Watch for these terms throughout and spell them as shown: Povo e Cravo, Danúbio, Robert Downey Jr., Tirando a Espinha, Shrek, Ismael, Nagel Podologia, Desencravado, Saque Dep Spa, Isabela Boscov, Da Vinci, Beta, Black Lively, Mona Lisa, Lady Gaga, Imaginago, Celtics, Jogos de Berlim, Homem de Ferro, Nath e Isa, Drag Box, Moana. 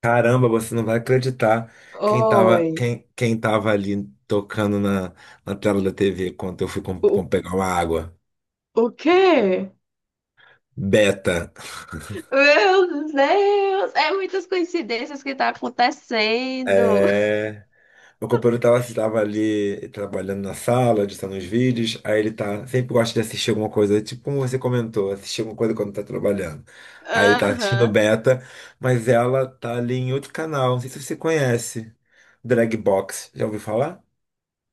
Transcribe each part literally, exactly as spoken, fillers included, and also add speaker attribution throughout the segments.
Speaker 1: Caramba, você não vai acreditar quem tava,
Speaker 2: Oi.
Speaker 1: quem, quem tava ali tocando na, na tela da T V quando eu fui com, com
Speaker 2: O,
Speaker 1: pegar uma água.
Speaker 2: o quê?
Speaker 1: Beta.
Speaker 2: Meu Deus, é muitas coincidências que tá acontecendo.
Speaker 1: É, meu companheiro tava, tava ali trabalhando na sala, editando os vídeos. Aí ele tá, sempre gosta de assistir alguma coisa, tipo como você comentou, assistir alguma coisa quando tá trabalhando. Aí ele tá assistindo
Speaker 2: Aham.
Speaker 1: Beta, mas ela tá ali em outro canal, não sei se você conhece. Drag Box, já ouviu falar?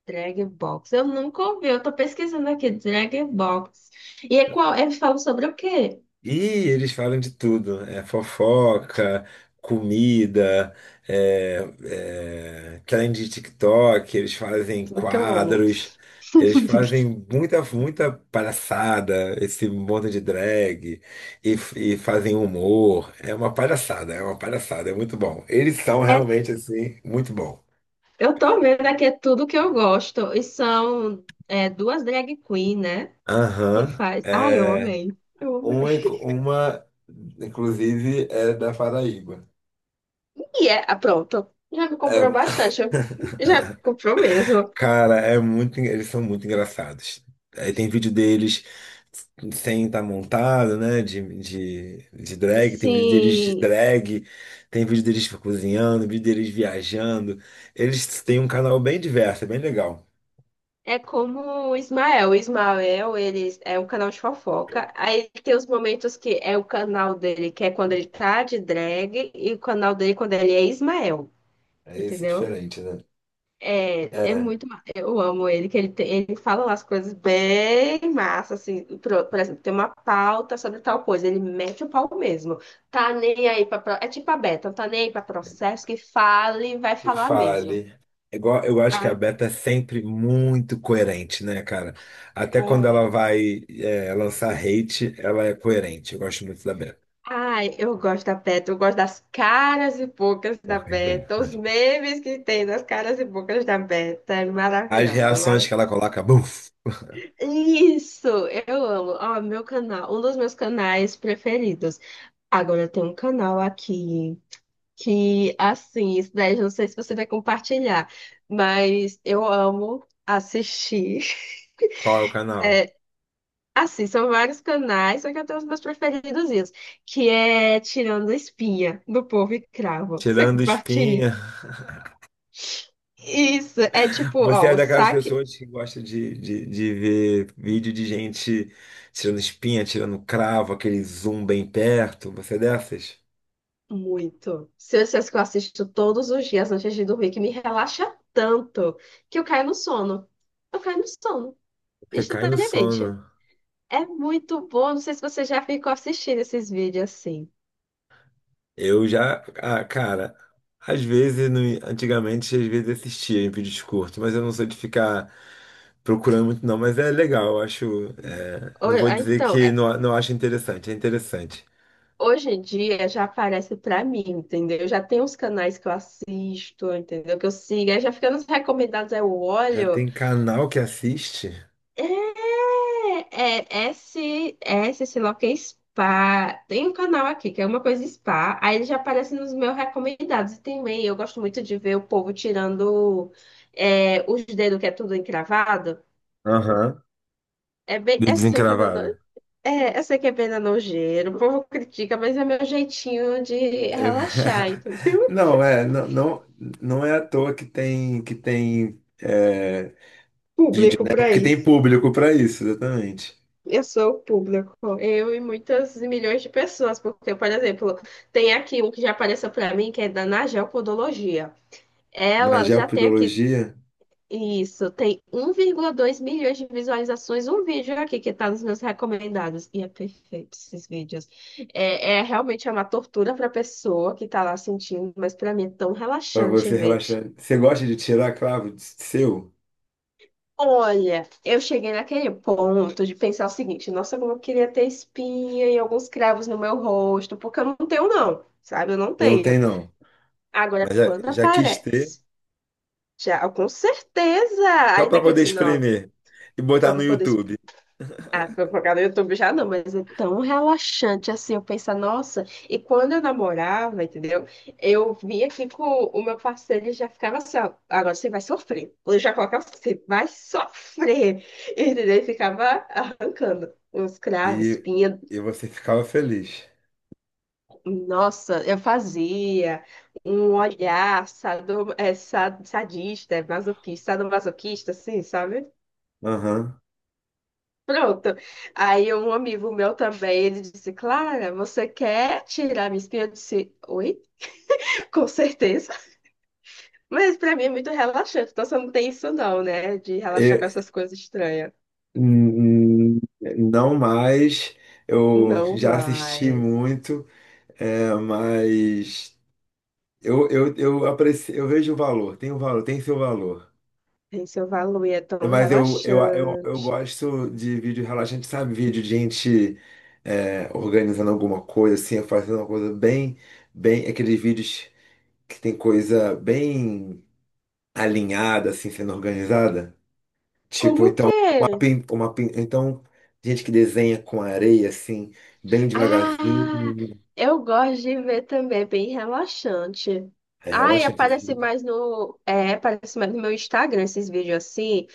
Speaker 2: Drag Box. Eu nunca ouvi, eu tô pesquisando aqui, Drag Box. E é qual? É, fala sobre o quê?
Speaker 1: E eles falam de tudo, é fofoca, comida, é, é, trend de TikTok, eles fazem
Speaker 2: Tudo que eu amo.
Speaker 1: quadros, eles fazem muita, muita palhaçada, esse monte de drag, e, e fazem humor. É uma palhaçada, é uma palhaçada, é muito bom. Eles são
Speaker 2: É,
Speaker 1: realmente, assim, muito bom.
Speaker 2: eu tô vendo aqui, é tudo que eu gosto. E são é, duas drag queen, né? Que
Speaker 1: Aham.
Speaker 2: faz. Ah, eu
Speaker 1: É,
Speaker 2: amei. Eu amei.
Speaker 1: uma, uma, inclusive, é da Paraíba.
Speaker 2: E é, ah, pronto. Já me
Speaker 1: É,
Speaker 2: comprou bastante. Já me comprou mesmo.
Speaker 1: cara, é muito, en- eles são muito engraçados. Aí tem vídeo deles sem estar montado, né? De, de, de drag, tem vídeo deles de
Speaker 2: Sim,
Speaker 1: drag, tem vídeo deles cozinhando, vídeo deles viajando. Eles têm um canal bem diverso, é bem legal.
Speaker 2: é como o Ismael. O Ismael, ele é um canal de fofoca. Aí tem os momentos que é o canal dele, que é quando ele tá de drag, e o canal dele quando ele é Ismael,
Speaker 1: É esse
Speaker 2: entendeu?
Speaker 1: diferente, né?
Speaker 2: É, é
Speaker 1: É,
Speaker 2: muito. ma- Eu amo ele, que ele, tem- ele fala umas coisas bem massa, assim. Por, por exemplo, tem uma pauta sobre tal coisa, ele mete o pau mesmo. Tá nem aí pra. pro- É tipo a Beta, não tá nem aí pra processo, que fala e vai
Speaker 1: que
Speaker 2: falar mesmo.
Speaker 1: fale. É igual, eu acho que
Speaker 2: Ah,
Speaker 1: a Beta é sempre muito coerente, né, cara? Até quando
Speaker 2: é.
Speaker 1: ela vai, é, lançar hate, ela é coerente. Eu gosto muito da Beta.
Speaker 2: Ai, eu gosto da Beta, eu gosto das caras e bocas da
Speaker 1: Porra, bem.
Speaker 2: Beta, os memes que tem das caras e bocas da Beta, é
Speaker 1: As
Speaker 2: maravilhosa,
Speaker 1: reações
Speaker 2: mara-
Speaker 1: que ela coloca, buf,
Speaker 2: Isso, eu amo. Ó, meu canal, um dos meus canais preferidos. Agora tem um canal aqui que, assim, isso daí eu não sei se você vai compartilhar, mas eu amo assistir.
Speaker 1: qual é o canal?
Speaker 2: Assim, são vários canais, só que eu tenho os meus preferidozinhos, que é Tirando a Espinha, do Povo e Cravo. Você
Speaker 1: Tirando
Speaker 2: compartilha?
Speaker 1: espinha.
Speaker 2: Isso, é tipo,
Speaker 1: Você
Speaker 2: ó,
Speaker 1: é
Speaker 2: o
Speaker 1: daquelas
Speaker 2: saque,
Speaker 1: pessoas que gosta de, de, de ver vídeo de gente tirando espinha, tirando cravo, aquele zoom bem perto. Você é dessas?
Speaker 2: muito. Se eu dissesse que eu assisto todos os dias antes de dormir, que me relaxa tanto, que eu caio no sono. Eu caio no sono,
Speaker 1: Você cai no
Speaker 2: instantaneamente.
Speaker 1: sono.
Speaker 2: É muito bom, não sei se você já ficou assistindo esses vídeos assim.
Speaker 1: Eu já, ah, cara, às vezes, no- antigamente, às vezes assistia em vídeos curtos, mas eu não sou de ficar procurando muito, não. Mas é legal, eu acho. É, não
Speaker 2: Ou-
Speaker 1: vou
Speaker 2: ah,
Speaker 1: dizer
Speaker 2: Então,
Speaker 1: que não, não acho interessante, é interessante.
Speaker 2: Hoje em dia já aparece pra mim, entendeu? Já tem uns canais que eu assisto, entendeu? Que eu sigo, aí já fica nos recomendados, aí eu
Speaker 1: Já
Speaker 2: olho.
Speaker 1: tem canal que assiste?
Speaker 2: É, é é esse, é esse, sei lá o que, é spa. Tem um canal aqui que é uma coisa spa, aí ele já aparece nos meus recomendados. E também eu gosto muito de ver o povo tirando é, os dedos que é tudo encravado.
Speaker 1: Aham.
Speaker 2: É bem,
Speaker 1: Do
Speaker 2: eu sei que é, nono-
Speaker 1: Desencravado.
Speaker 2: é, eu sei que é bem nojeiro, o povo critica, mas é meu jeitinho de
Speaker 1: É,
Speaker 2: relaxar,
Speaker 1: Não, é, não, não, não é à toa que tem, que tem, é,
Speaker 2: público
Speaker 1: é
Speaker 2: para
Speaker 1: porque tem
Speaker 2: isso.
Speaker 1: público para isso, exatamente.
Speaker 2: Eu sou o público, eu e muitas milhões de pessoas, porque, por exemplo, tem aqui um que já apareceu para mim, que é da Nagel Podologia.
Speaker 1: Na
Speaker 2: Ela já tem aqui
Speaker 1: geopodologia,
Speaker 2: isso, tem um vírgula dois milhões de visualizações, um vídeo aqui que está nos meus recomendados. E é perfeito esses vídeos. É, é realmente é uma tortura para a pessoa que está lá sentindo, mas para mim é tão
Speaker 1: para
Speaker 2: relaxante
Speaker 1: você
Speaker 2: ver.
Speaker 1: relaxar. Você gosta de tirar cravo de- seu?
Speaker 2: Olha, eu cheguei naquele ponto de pensar o seguinte, nossa, como eu queria ter espinha e alguns cravos no meu rosto, porque eu não tenho não, sabe? Eu não
Speaker 1: Eu não
Speaker 2: tenho.
Speaker 1: tem, não.
Speaker 2: Agora,
Speaker 1: Mas já,
Speaker 2: quando
Speaker 1: já quis ter,
Speaker 2: aparece, já, com certeza,
Speaker 1: só
Speaker 2: aí até
Speaker 1: para
Speaker 2: que eu
Speaker 1: poder
Speaker 2: disse, não,
Speaker 1: espremer e
Speaker 2: só
Speaker 1: botar
Speaker 2: para
Speaker 1: no
Speaker 2: poder
Speaker 1: YouTube.
Speaker 2: ah, fofocar no YouTube já não, mas é tão relaxante assim, eu penso, nossa, e quando eu namorava, entendeu? Eu vinha aqui com o meu parceiro e já ficava assim, ó, agora você vai sofrer. Eu já colocava, você vai sofrer, entendeu? E ficava arrancando uns cravos,
Speaker 1: E,
Speaker 2: espinha.
Speaker 1: e você ficava feliz.
Speaker 2: Nossa, eu fazia um olhar sado, é, sa- sadista, masoquista, sadomasoquista, assim, sabe?
Speaker 1: Aham.
Speaker 2: Pronto. Aí um amigo meu também, ele disse, Clara, você quer tirar minha espinha? Eu disse, oi, com certeza. Mas pra mim é muito relaxante, então você não tem isso não, né? De relaxar com essas coisas estranhas.
Speaker 1: Hum, hum, não mais, eu
Speaker 2: Não
Speaker 1: já assisti
Speaker 2: mais.
Speaker 1: muito, é, mas eu, eu, eu aprecio, eu vejo o valor, tem o valor, tem seu valor.
Speaker 2: Tem seu valor e é
Speaker 1: É,
Speaker 2: tão
Speaker 1: mas eu,
Speaker 2: relaxante.
Speaker 1: eu, eu, eu gosto de vídeo relaxante, sabe? Vídeo de gente é, organizando alguma coisa, assim, fazendo uma coisa bem, bem, aqueles vídeos que tem coisa bem alinhada, assim, sendo organizada.
Speaker 2: Como
Speaker 1: Tipo,
Speaker 2: o
Speaker 1: então, uma,
Speaker 2: quê?
Speaker 1: pin- uma, pin- então, gente que desenha com areia, assim, bem
Speaker 2: Ah,
Speaker 1: devagarzinho.
Speaker 2: eu gosto de ver também, é bem relaxante.
Speaker 1: É
Speaker 2: Ai,
Speaker 1: relaxante, assim.
Speaker 2: aparece mais no, é, aparece mais no meu Instagram esses vídeos assim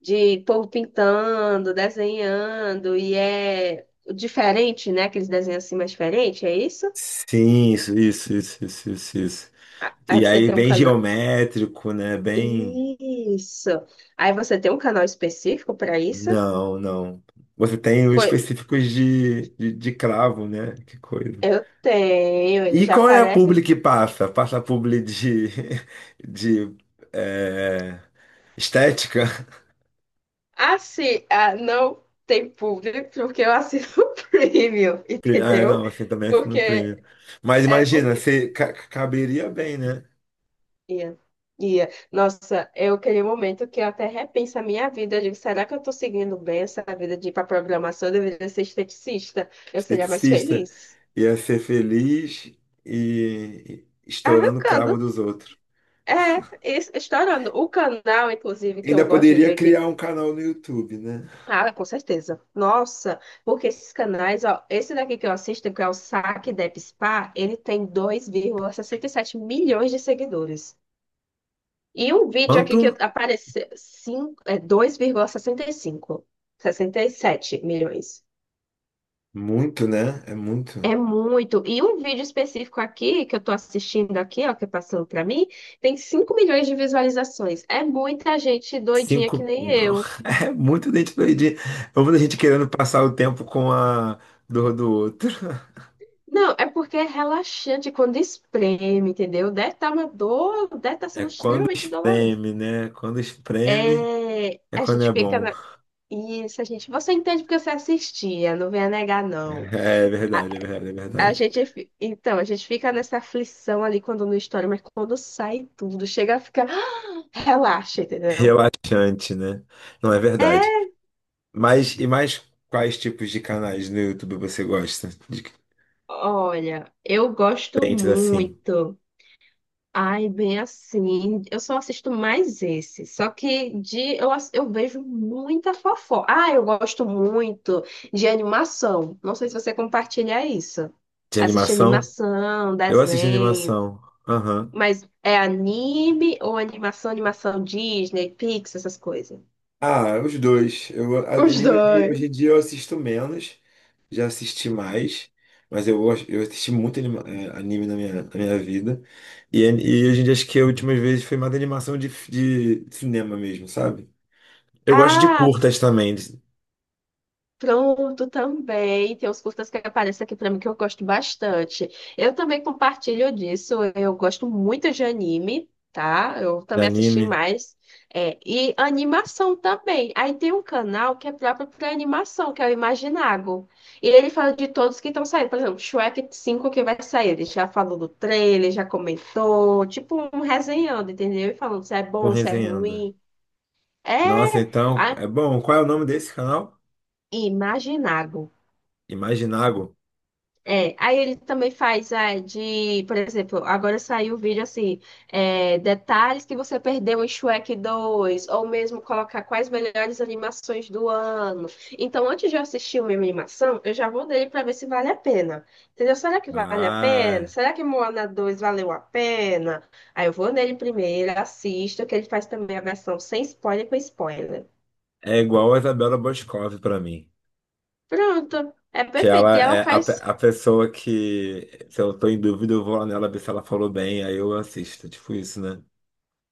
Speaker 2: de povo pintando, desenhando, e é diferente, né? Aqueles desenhos assim mais diferentes, é isso?
Speaker 1: Sim, isso, isso, isso, isso, isso, isso.
Speaker 2: A- Aí
Speaker 1: E
Speaker 2: você
Speaker 1: aí,
Speaker 2: tem um
Speaker 1: bem
Speaker 2: canal.
Speaker 1: geométrico, né? Bem.
Speaker 2: Isso. Aí você tem um canal específico para isso?
Speaker 1: Não, não. Você tem os
Speaker 2: Pois
Speaker 1: específicos de, de, de cravo, né? Que coisa.
Speaker 2: eu tenho, ele
Speaker 1: E
Speaker 2: já
Speaker 1: qual é a
Speaker 2: aparece.
Speaker 1: publi que passa? Passa a publi de, de eh, estética?
Speaker 2: Assim, ah, não tem público porque eu assino o premium,
Speaker 1: Pre- Ah,
Speaker 2: entendeu?
Speaker 1: não, assim também assina no
Speaker 2: Porque
Speaker 1: prêmio. Mas
Speaker 2: é
Speaker 1: imagina,
Speaker 2: porque
Speaker 1: você ca- caberia bem, né?
Speaker 2: Ia, ia. Nossa, é aquele momento que eu até repenso a minha vida. Eu digo, será que eu estou seguindo bem essa vida de ir para programação? Eu deveria ser esteticista. Eu seria mais
Speaker 1: Esteticista.
Speaker 2: feliz.
Speaker 1: Ia ser feliz e e estourando o cravo
Speaker 2: Arrancando.
Speaker 1: dos outros.
Speaker 2: É, es- estourando. O canal, inclusive, que
Speaker 1: Ainda
Speaker 2: eu gosto de
Speaker 1: poderia
Speaker 2: ver que.
Speaker 1: criar um canal no YouTube, né?
Speaker 2: Ah, com certeza. Nossa, porque esses canais, ó, esse daqui que eu assisto, que é o Saque Dep Spa, ele tem dois vírgula sessenta e sete milhões de seguidores. E um vídeo aqui
Speaker 1: Quanto?
Speaker 2: que apareceu, cinco- é dois vírgula sessenta sessenta e cinco sessenta e sete milhões.
Speaker 1: Muito, né? É muito.
Speaker 2: É muito. E um vídeo específico aqui, que eu tô assistindo aqui, ó, que passou pra mim, tem cinco milhões de visualizações. É muita gente doidinha que
Speaker 1: Cinco.
Speaker 2: nem
Speaker 1: Não.
Speaker 2: eu.
Speaker 1: É muito dente doidinho. Vamos a gente querendo passar o tempo com a dor do outro.
Speaker 2: Não, é porque é relaxante quando espreme, entendeu? Deve estar uma dor, deve estar
Speaker 1: É
Speaker 2: sendo
Speaker 1: quando
Speaker 2: extremamente doloroso.
Speaker 1: espreme, né? Quando espreme
Speaker 2: É,
Speaker 1: é
Speaker 2: a
Speaker 1: quando é
Speaker 2: gente fica
Speaker 1: bom.
Speaker 2: na... Isso, a gente, você entende porque você assistia, não venha negar, não.
Speaker 1: É
Speaker 2: A-
Speaker 1: verdade, é verdade, é
Speaker 2: A
Speaker 1: verdade.
Speaker 2: gente, fi- então, a gente fica nessa aflição ali quando não estoura, mas quando sai tudo, chega a ficar, relaxa, entendeu?
Speaker 1: Relaxante, né? Não é verdade. Mas e mais quais tipos de canais no YouTube você gosta? De
Speaker 2: Olha, eu gosto
Speaker 1: diferentes assim.
Speaker 2: muito. Ai, bem assim, eu só assisto mais esse. Só que de eu, ass- eu vejo muita fofoca. Ah, eu gosto muito de animação. Não sei se você compartilha isso.
Speaker 1: De
Speaker 2: Assistir
Speaker 1: animação?
Speaker 2: animação,
Speaker 1: Eu assisto
Speaker 2: desenho,
Speaker 1: animação. Aham.
Speaker 2: mas é anime ou animação, animação Disney, Pixar, essas coisas.
Speaker 1: Ah, os dois. Eu, a-
Speaker 2: Os
Speaker 1: anime hoje,
Speaker 2: dois.
Speaker 1: hoje em dia eu assisto menos, já assisti mais, mas eu, gosto- eu assisti muito anima- eh, anime na minha, na minha vida. E, an- e hoje em dia acho que a última vez foi mais animação de, f- de cinema mesmo, sabe? Eu gosto de
Speaker 2: Ah,
Speaker 1: curtas também, de,
Speaker 2: pronto, também. Tem uns curtas que aparecem aqui pra mim que eu gosto bastante. Eu também compartilho disso. Eu gosto muito de anime, tá? Eu
Speaker 1: de
Speaker 2: também assisti
Speaker 1: anime,
Speaker 2: mais. É, e animação também. Aí tem um canal que é próprio para animação, que é o Imaginago. E ele fala de todos que estão saindo. Por exemplo, Shrek cinco que vai sair. Ele já falou do trailer, já comentou. Tipo, um resenhando, entendeu? E falando se é
Speaker 1: com
Speaker 2: bom, se é
Speaker 1: resenhando.
Speaker 2: ruim.
Speaker 1: Nossa,
Speaker 2: É.
Speaker 1: então, é bom. Qual é o nome desse canal?
Speaker 2: Imaginago.
Speaker 1: Imaginago.
Speaker 2: É, aí ele também faz é, de, por exemplo, agora saiu o vídeo assim, é, detalhes que você perdeu em Shrek dois, ou mesmo colocar quais melhores animações do ano. Então, antes de eu assistir uma animação, eu já vou nele para ver se vale a pena. Entendeu? Será que vale a
Speaker 1: Ah,
Speaker 2: pena? Será que Moana dois valeu a pena? Aí eu vou nele primeiro, assisto, que ele faz também a versão sem spoiler com spoiler.
Speaker 1: é igual a Isabela Boscov pra mim.
Speaker 2: Pronto, é
Speaker 1: Que
Speaker 2: perfeito. E
Speaker 1: ela
Speaker 2: ela
Speaker 1: é a,
Speaker 2: faz.
Speaker 1: pe- a pessoa que, se eu tô em dúvida, eu vou lá nela ver se ela falou bem, aí eu assisto. Tipo isso, né?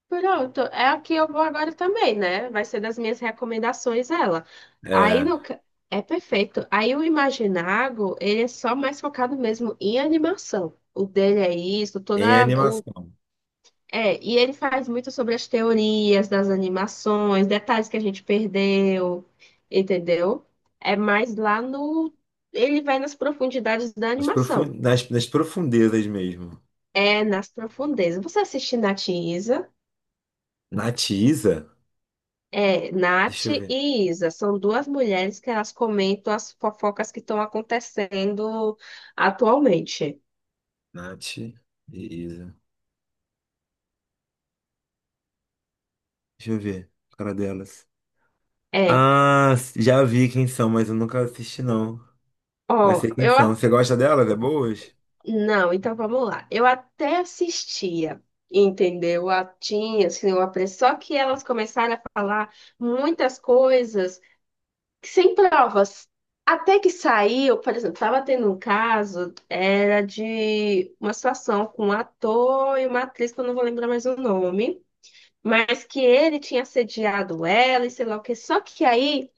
Speaker 2: Pronto, é a que eu vou agora também, né? Vai ser das minhas recomendações ela. Aí
Speaker 1: É,
Speaker 2: no... ca- é perfeito. Aí o Imaginago, ele é só mais focado mesmo em animação. O dele é isso, toda
Speaker 1: em
Speaker 2: o
Speaker 1: animação.
Speaker 2: é, e ele faz muito sobre as teorias das animações, detalhes que a gente perdeu, entendeu? É mais lá no ele vai nas profundidades da
Speaker 1: Nas, profun
Speaker 2: animação.
Speaker 1: nas, nas profundezas mesmo.
Speaker 2: É nas profundezas. Você assiste na
Speaker 1: Nath e Isa?
Speaker 2: É, Nath
Speaker 1: Deixa eu ver.
Speaker 2: e Isa são duas mulheres que elas comentam as fofocas que estão acontecendo atualmente.
Speaker 1: Nath e Isa. Deixa eu ver. Cara delas.
Speaker 2: É,
Speaker 1: Ah, já vi quem são, mas eu nunca assisti, não. Mas
Speaker 2: ó,
Speaker 1: sei quem
Speaker 2: eu.
Speaker 1: são.
Speaker 2: a-
Speaker 1: Você gosta delas? É boas?
Speaker 2: Não, então vamos lá. Eu até assistia, entendeu? A, tinha, assim, eu pre- só que elas começaram a falar muitas coisas que- sem provas. Até que saiu, por exemplo, estava tendo um caso, era de uma situação com um ator e uma atriz, que eu não vou lembrar mais o nome. Mas que ele tinha assediado ela e sei lá o que. Só que aí,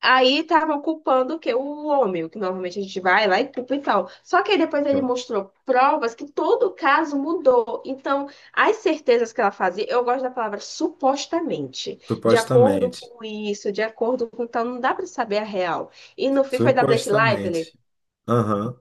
Speaker 2: aí estavam culpando o quê? O homem, o que normalmente a gente vai lá e culpa e tal. Só que aí depois ele
Speaker 1: Então,
Speaker 2: mostrou provas que todo o caso mudou. Então, as certezas que ela fazia, eu gosto da palavra supostamente, de acordo
Speaker 1: supostamente.
Speaker 2: com isso, de acordo com tal, não dá pra saber a real. E no fim foi da Black Lively.
Speaker 1: Supostamente. Aham.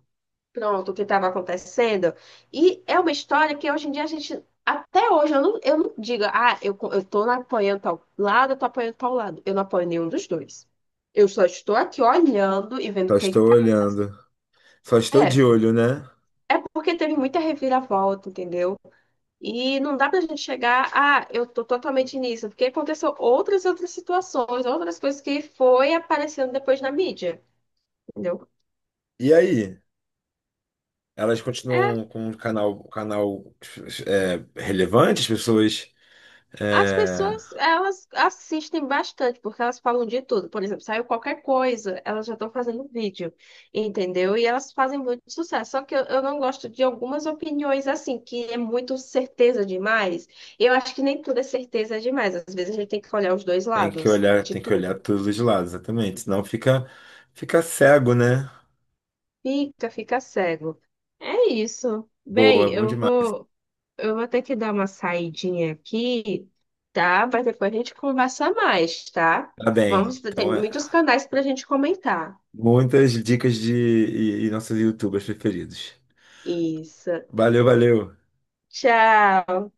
Speaker 2: Pronto, o que estava acontecendo. E é uma história que hoje em dia a gente, até hoje, eu não, eu não digo, ah, eu, co- eu tô apoiando tal lado, eu tô apoiando tal lado. Eu não apoio nenhum dos dois. Eu só estou aqui olhando e vendo o
Speaker 1: Só
Speaker 2: que que
Speaker 1: estou
Speaker 2: tá.
Speaker 1: olhando. Só estou de
Speaker 2: É,
Speaker 1: olho, né?
Speaker 2: é porque teve muita reviravolta, entendeu? E não dá pra gente chegar, ah, eu tô totalmente nisso, porque aconteceu outras outras situações, outras coisas que foi aparecendo depois na mídia, entendeu?
Speaker 1: E aí? Elas
Speaker 2: É,
Speaker 1: continuam com o canal, um canal é, relevante? As pessoas
Speaker 2: as
Speaker 1: é,
Speaker 2: pessoas, elas assistem bastante, porque elas falam de tudo. Por exemplo, saiu qualquer coisa, elas já estão fazendo vídeo, entendeu? E elas fazem muito sucesso. Só que eu, eu não gosto de algumas opiniões assim, que é muito certeza demais. Eu acho que nem tudo é certeza demais. Às vezes a gente tem que olhar os dois
Speaker 1: têm que
Speaker 2: lados
Speaker 1: olhar,
Speaker 2: de
Speaker 1: tem que
Speaker 2: tudo.
Speaker 1: olhar todos os lados, exatamente. Senão fica, fica cego, né?
Speaker 2: Fica, fica cego. É isso. Bem,
Speaker 1: Boa, bom
Speaker 2: eu
Speaker 1: demais.
Speaker 2: vou, eu vou ter que dar uma saidinha aqui, tá? Mas depois a gente conversa mais, tá?
Speaker 1: Tá bem.
Speaker 2: Vamos, tem
Speaker 1: Então, é,
Speaker 2: muitos canais pra gente comentar.
Speaker 1: muitas dicas de e, e nossos YouTubers preferidos.
Speaker 2: Isso.
Speaker 1: Valeu, valeu.
Speaker 2: Tchau.